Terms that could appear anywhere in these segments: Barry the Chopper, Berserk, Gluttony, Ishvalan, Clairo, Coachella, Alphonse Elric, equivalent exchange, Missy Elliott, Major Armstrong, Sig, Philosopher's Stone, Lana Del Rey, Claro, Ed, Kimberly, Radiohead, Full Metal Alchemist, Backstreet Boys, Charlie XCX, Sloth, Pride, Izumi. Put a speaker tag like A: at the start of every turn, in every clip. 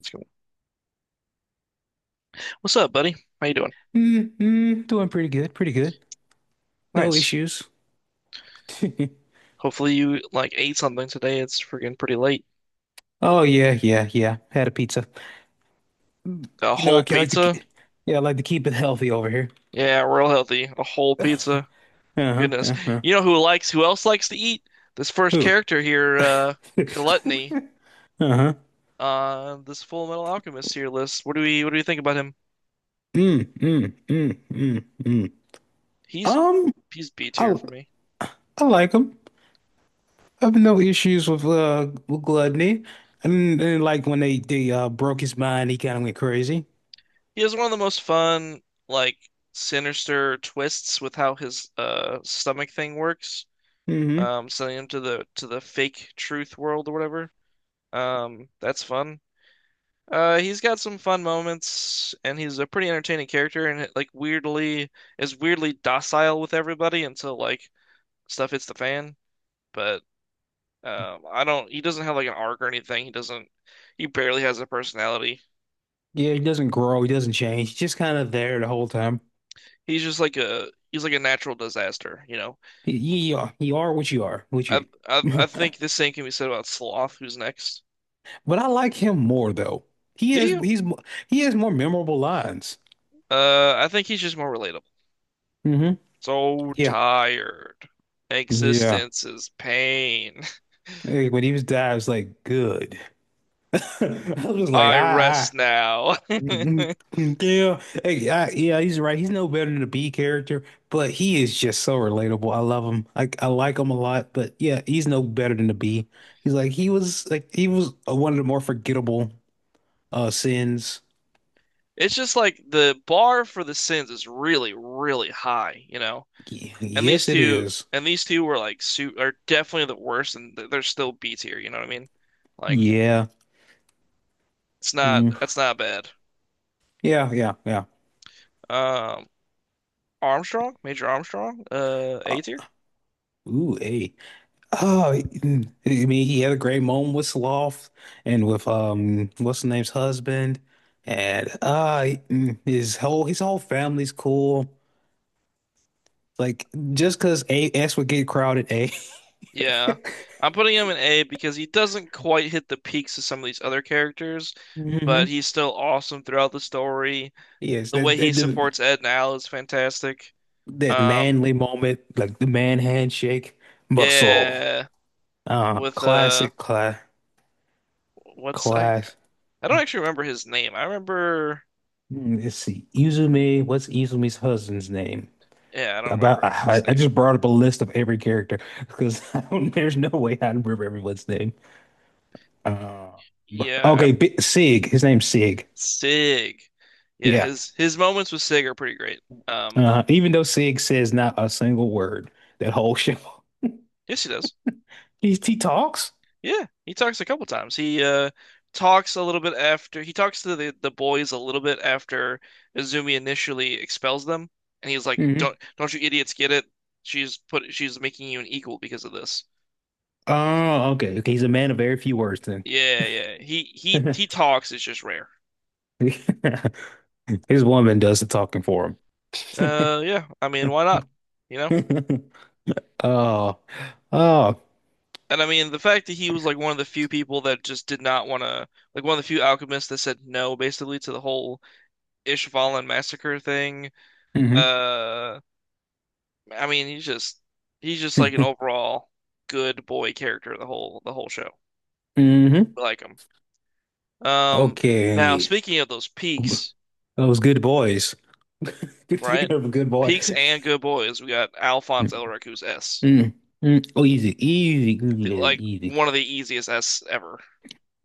A: Let's go. What's up, buddy? How you doing?
B: Mm-hmm. Doing pretty good, pretty good. No
A: Nice.
B: issues.
A: Hopefully you like ate something today. It's freaking pretty late.
B: Oh yeah, yeah, yeah. Had a pizza.
A: A whole
B: I like
A: pizza?
B: yeah, I like to keep it healthy over here.
A: Yeah, real healthy. A whole pizza.
B: Uh-huh,
A: Goodness.
B: uh-huh.
A: You know who else likes to eat? This first
B: Who?
A: character here, Gluttony,
B: Uh-huh.
A: this Full Metal Alchemist tier list. What do we think about him?
B: Mm, mm, mm, mm, mm.
A: He's
B: Um,
A: he's B
B: I
A: tier for me.
B: I like them. I have no issues with gluttony, and like when they broke his mind, he kind of went crazy.
A: He has one of the most fun, like sinister twists with how his stomach thing works.
B: Mm-hmm.
A: Sending him to the fake truth world or whatever. That's fun. He's got some fun moments, and he's a pretty entertaining character, and like weirdly is weirdly docile with everybody until like stuff hits the fan. But I don't. He doesn't have like an arc or anything. He doesn't. He barely has a personality.
B: Yeah, he doesn't grow, he doesn't change. He's just kind of there the whole time.
A: He's just like a he's like a natural disaster, you know.
B: You are what you are, what
A: I
B: you.
A: I think the same can be said about Sloth, who's next.
B: But I like him more though. He
A: Do
B: has
A: you?
B: he's mo- he has more memorable lines.
A: I think he's just more relatable.
B: Hmm.
A: So
B: Yeah,
A: tired.
B: yeah.
A: Existence is pain.
B: Hey, when he was dying, it's like good. I was like,
A: I
B: ah, ah.
A: rest now.
B: Mhm. Yeah, hey, yeah. He's right. He's no better than the B character, but he is just so relatable. I love him. I like him a lot, but yeah, he's no better than the B. He's like he was one of the more forgettable sins.
A: It's just like the bar for the sins is really, really high, you know. And these
B: Yes, it
A: two,
B: is.
A: and these two were like su are definitely the worst, and they're still B tier. You know what I mean? Like
B: Yeah.
A: it's not
B: Mm.
A: that's not bad.
B: Yeah, yeah, yeah.
A: Um, Armstrong, Major Armstrong,
B: Uh,
A: A tier.
B: ooh, hey. Oh, mm. I mean, he had a great moment with Sloth and with what's the name's husband, and mm, his whole family's cool. Like just because A S would get crowded, A.
A: Yeah, I'm putting him in A because he doesn't quite hit the peaks of some of these other characters, but
B: Hmm.
A: he's still awesome throughout the story.
B: Yes,
A: The way he supports Ed and Al is fantastic.
B: that
A: Um,
B: manly moment, like the man handshake, muscle.
A: Yeah,
B: Uh,
A: with
B: classic, class,
A: what's I?
B: class.
A: I don't actually remember his name. I remember.
B: Mm, let's see, Izumi. What's Izumi's husband's name?
A: Yeah, I don't
B: About
A: remember his
B: I
A: name.
B: just brought up a list of every character because I don't, there's no way I remember everyone's name. Uh,
A: Yeah,
B: okay,
A: I'm
B: B Sig. His name's Sig.
A: Sig. Yeah,
B: Yeah.
A: his moments with Sig are pretty great. Um,
B: Even though Sig says not a single word, that whole show
A: yes, he does.
B: he talks.
A: Yeah, he talks a couple times. He Talks a little bit after he talks to the boys a little bit after Izumi initially expels them, and he's like, "Don't
B: Hmm.
A: don't you idiots get it? She's making you an equal because of this."
B: Oh, okay. Okay, he's a man of very few words then.
A: Yeah, yeah. He talks. It's just rare.
B: His woman does the talking for him.
A: Yeah. I mean, why not? You know?
B: Oh, oh.
A: And I mean, the fact that he was like one of the few people that just did not want to, like one of the few alchemists that said no, basically, to the whole Ishvalan massacre thing.
B: Hmm.
A: Uh, I mean, he's just like an overall good boy character the whole show.
B: Hmm.
A: I like him. Um, Now
B: Okay.
A: speaking of those peaks,
B: Those good boys.
A: right?
B: Speaking of a good boy.
A: Peaks and good boys, we got
B: Mm,
A: Alphonse Elric, who's S.
B: mm, mm. Oh, easy, easy, good, yeah,
A: Like
B: easy.
A: one of the easiest S ever.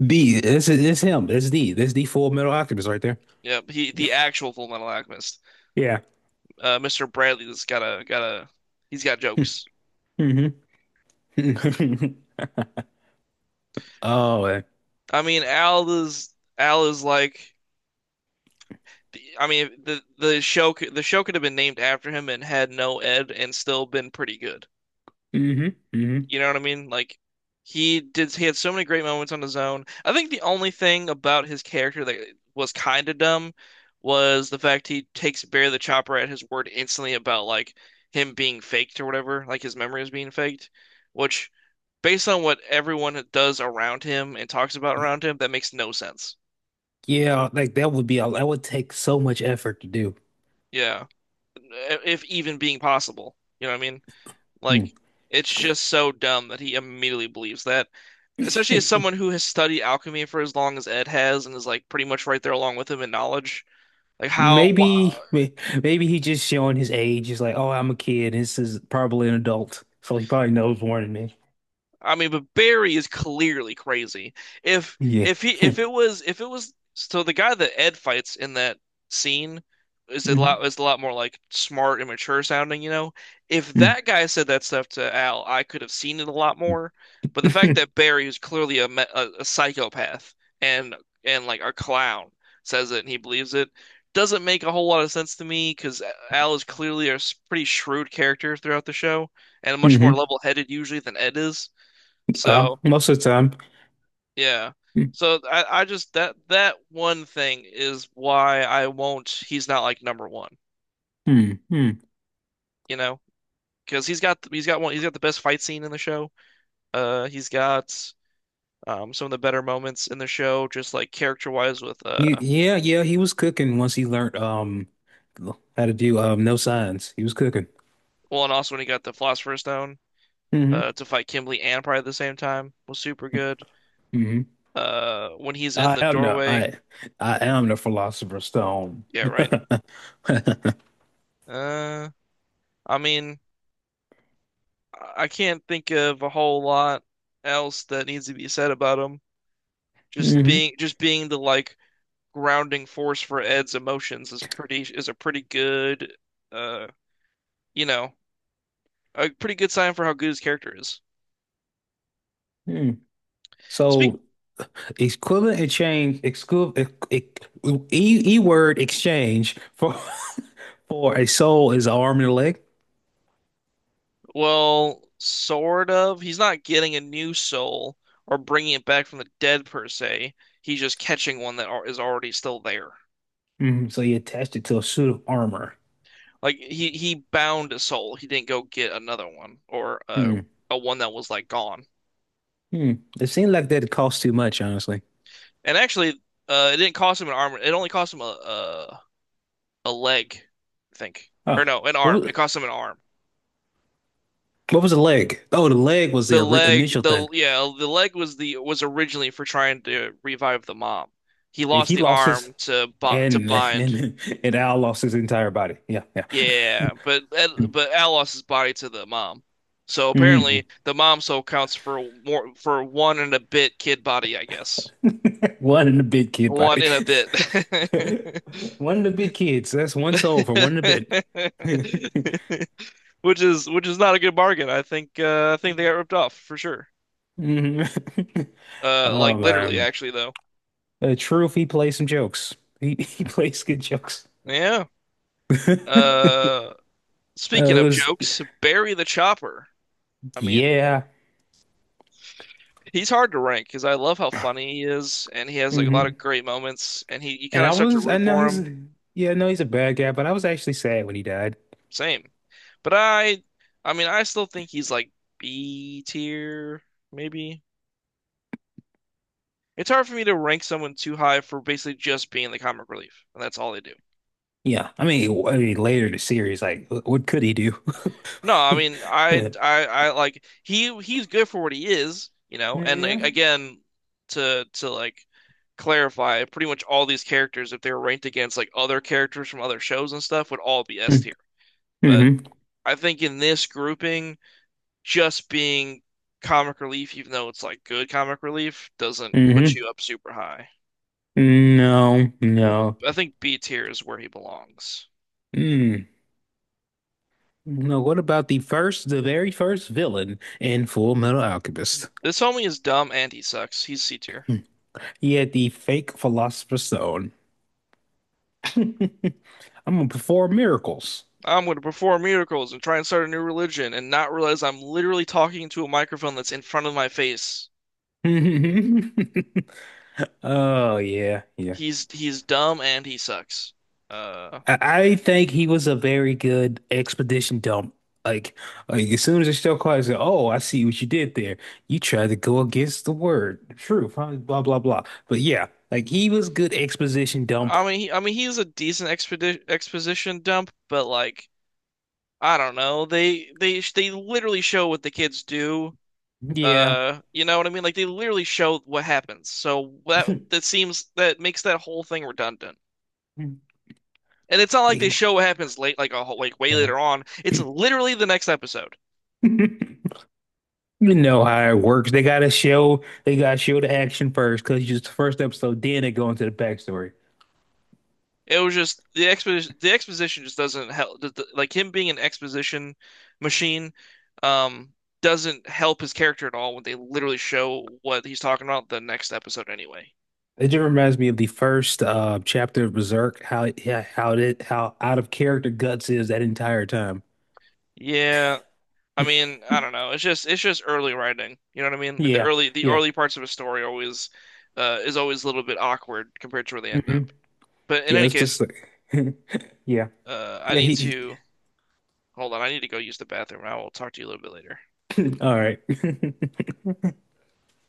B: B, this him. This is D. This is the Full Metal Alchemist right there.
A: Yep, he the actual Full Metal Alchemist.
B: Yeah.
A: Mr. Bradley's got a he's got jokes.
B: Mm-hmm. Oh, man.
A: I mean, Al is like I mean the show could have been named after him and had no Ed and still been pretty good.
B: Hmm.
A: You
B: Hmm.
A: know what I mean? Like he had so many great moments on his own. I think the only thing about his character that was kind of dumb was the fact he takes Bear the Chopper at his word instantly about like him being faked or whatever, like his memory is being faked, which based on what everyone does around him and talks about
B: Yeah,
A: around him, that makes no sense.
B: yeah, like that would be that would take so much effort to do.
A: Yeah. E, If even being possible. You know what I mean?
B: Hmm.
A: Like it's just so dumb that he immediately believes that, especially as someone who has studied alchemy for as long as Ed has and is like pretty much right there along with him in knowledge. Like how
B: Maybe, may- maybe he just showing his age. He's like, oh, I'm a kid. This is probably an adult, so he probably knows more than me.
A: I mean, but Barry is clearly crazy.
B: Yeah.
A: If he if it was so The guy that Ed fights in that scene is a lot more like smart and mature sounding, you know. If
B: Hmm.
A: that guy said that stuff to Al, I could have seen it a lot more. But the fact that Barry, who's clearly a psychopath and like a clown, says it and he believes it doesn't make a whole lot of sense to me because Al is clearly pretty shrewd character throughout the show and much more
B: Hmm.
A: level-headed usually than Ed is.
B: Well,
A: So
B: most of the time.
A: yeah. So I just that one thing is why I won't he's not like number one,
B: Mm-hmm.
A: you know? Because he's got the best fight scene in the show. He's got some of the better moments in the show, just like character wise with
B: Yeah, yeah, he was cooking once he learned how to do no signs. He was cooking.
A: well, and also when he got the Philosopher's Stone
B: Hmm.
A: to fight Kimberly and Pride at the same time was super good.
B: Hmm.
A: When he's in
B: I
A: the
B: am the
A: doorway,
B: I I am the Philosopher's Stone.
A: yeah, right. Uh I mean I can't think of a whole lot else that needs to be said about him. Just
B: Hmm.
A: being just being the like grounding force for Ed's emotions is pretty is a pretty good uh you know a pretty good sign for how good his character is.
B: Hmm.
A: Speak
B: So equivalent exchange exclu e, e word exchange for for a soul is an arm and a leg.
A: Well, sort of. He's not getting a new soul or bringing it back from the dead per se. He's just catching one that is already still there.
B: Mhm. So you attached it to a suit of armor.
A: Like he bound a soul. He didn't go get another one or
B: Hmm.
A: a one that was like gone.
B: Hmm. It seemed like that cost too much, honestly.
A: And actually, it didn't cost him an arm. It only cost him a leg, I think. Or
B: Oh,
A: no, an arm.
B: What was,
A: It cost him an arm.
B: what was the leg? Oh, the leg was the initial thing.
A: The leg was the was originally for trying to revive the mom. He
B: And
A: lost
B: He
A: the
B: lost his
A: arm to bo to
B: and
A: bind.
B: and and Al lost his entire body. Yeah, yeah.
A: Yeah, but Al lost his body to the mom. So
B: Mhm.
A: apparently the mom soul counts for more for one and a bit kid body, I guess.
B: One in the big kid
A: One
B: body.
A: and a bit.
B: One of the big kids. That's one soul for one of the bit.
A: Which is not a good bargain. I think they got ripped off for sure.
B: Mhm. Oh
A: Like literally,
B: man.
A: actually, though.
B: The truth, he plays some jokes. He he plays good jokes.
A: Yeah. Uh,
B: It
A: Speaking of
B: was
A: jokes, Barry the Chopper. I mean,
B: yeah.
A: he's hard to rank because I love how funny he is, and he has like a lot
B: Mm-hmm.
A: of great moments, and he you
B: And
A: kind of
B: I
A: start to
B: was,
A: root for him.
B: yeah, I know he's a bad guy, but I was actually sad when he died.
A: Same, but I mean, I still think he's like B tier, maybe. It's hard for me to rank someone too high for basically just being the comic relief, and that's all they do.
B: Yeah, I mean, later in the series, like, what could he do?
A: No, I mean, I like he's good for what he is, you know. And like,
B: Yeah.
A: again, to like clarify, pretty much all these characters, if they were ranked against like other characters from other shows and stuff, would all be S tier. But
B: Mm-hmm.
A: I think in this grouping, just being comic relief, even though it's like good comic relief, doesn't put you up super high.
B: Mm-hmm. No,
A: I think
B: no.
A: I think B tier is where he belongs.
B: Mm. No, what about the very first villain in Full Metal Alchemist?
A: This homie is dumb and he sucks. He's C tier.
B: He had the fake Philosopher's Stone. I'm gonna perform miracles.
A: I'm going to perform miracles and try and start a new religion and not realize I'm literally talking to a microphone that's in front of my face.
B: Oh yeah, yeah.
A: He's dumb and he sucks. Uh,
B: I I think he was a very good expedition dump. Like, like as soon as the show called, I said, "Oh, I see what you did there. You tried to go against the word, the truth, huh? Blah blah blah." But yeah, like he was good exposition dump.
A: I mean, he's a decent expedi exposition dump, but like, I don't know. They literally show what the kids do.
B: Yeah,
A: You know what I mean? Like they literally show what happens. So that seems that makes that whole thing redundant. And it's not like they
B: yeah.
A: show what happens late, like a whole, like way later on. It's literally the next episode.
B: You know how it works. They gotta show the action first because just the first episode. Then they go into the backstory.
A: It was just the exposition. The exposition just doesn't help. Like him being an exposition machine, um, doesn't help his character at all when they literally show what he's talking about the next episode anyway.
B: It just reminds me of the first chapter of Berserk. Yeah, how it how out of character Guts is that entire time.
A: Yeah, I mean, I don't know. It's just early writing. You know what I mean? Like the
B: Yeah,
A: early the
B: yeah.
A: early parts of a story always, is always a little bit awkward compared to where they end up.
B: Hmm.
A: But in
B: Yeah,
A: any
B: it's just
A: case,
B: like, yeah,
A: I
B: yeah.
A: need to hold on. I need to go use the bathroom. I will talk to you a little bit later.
B: All right.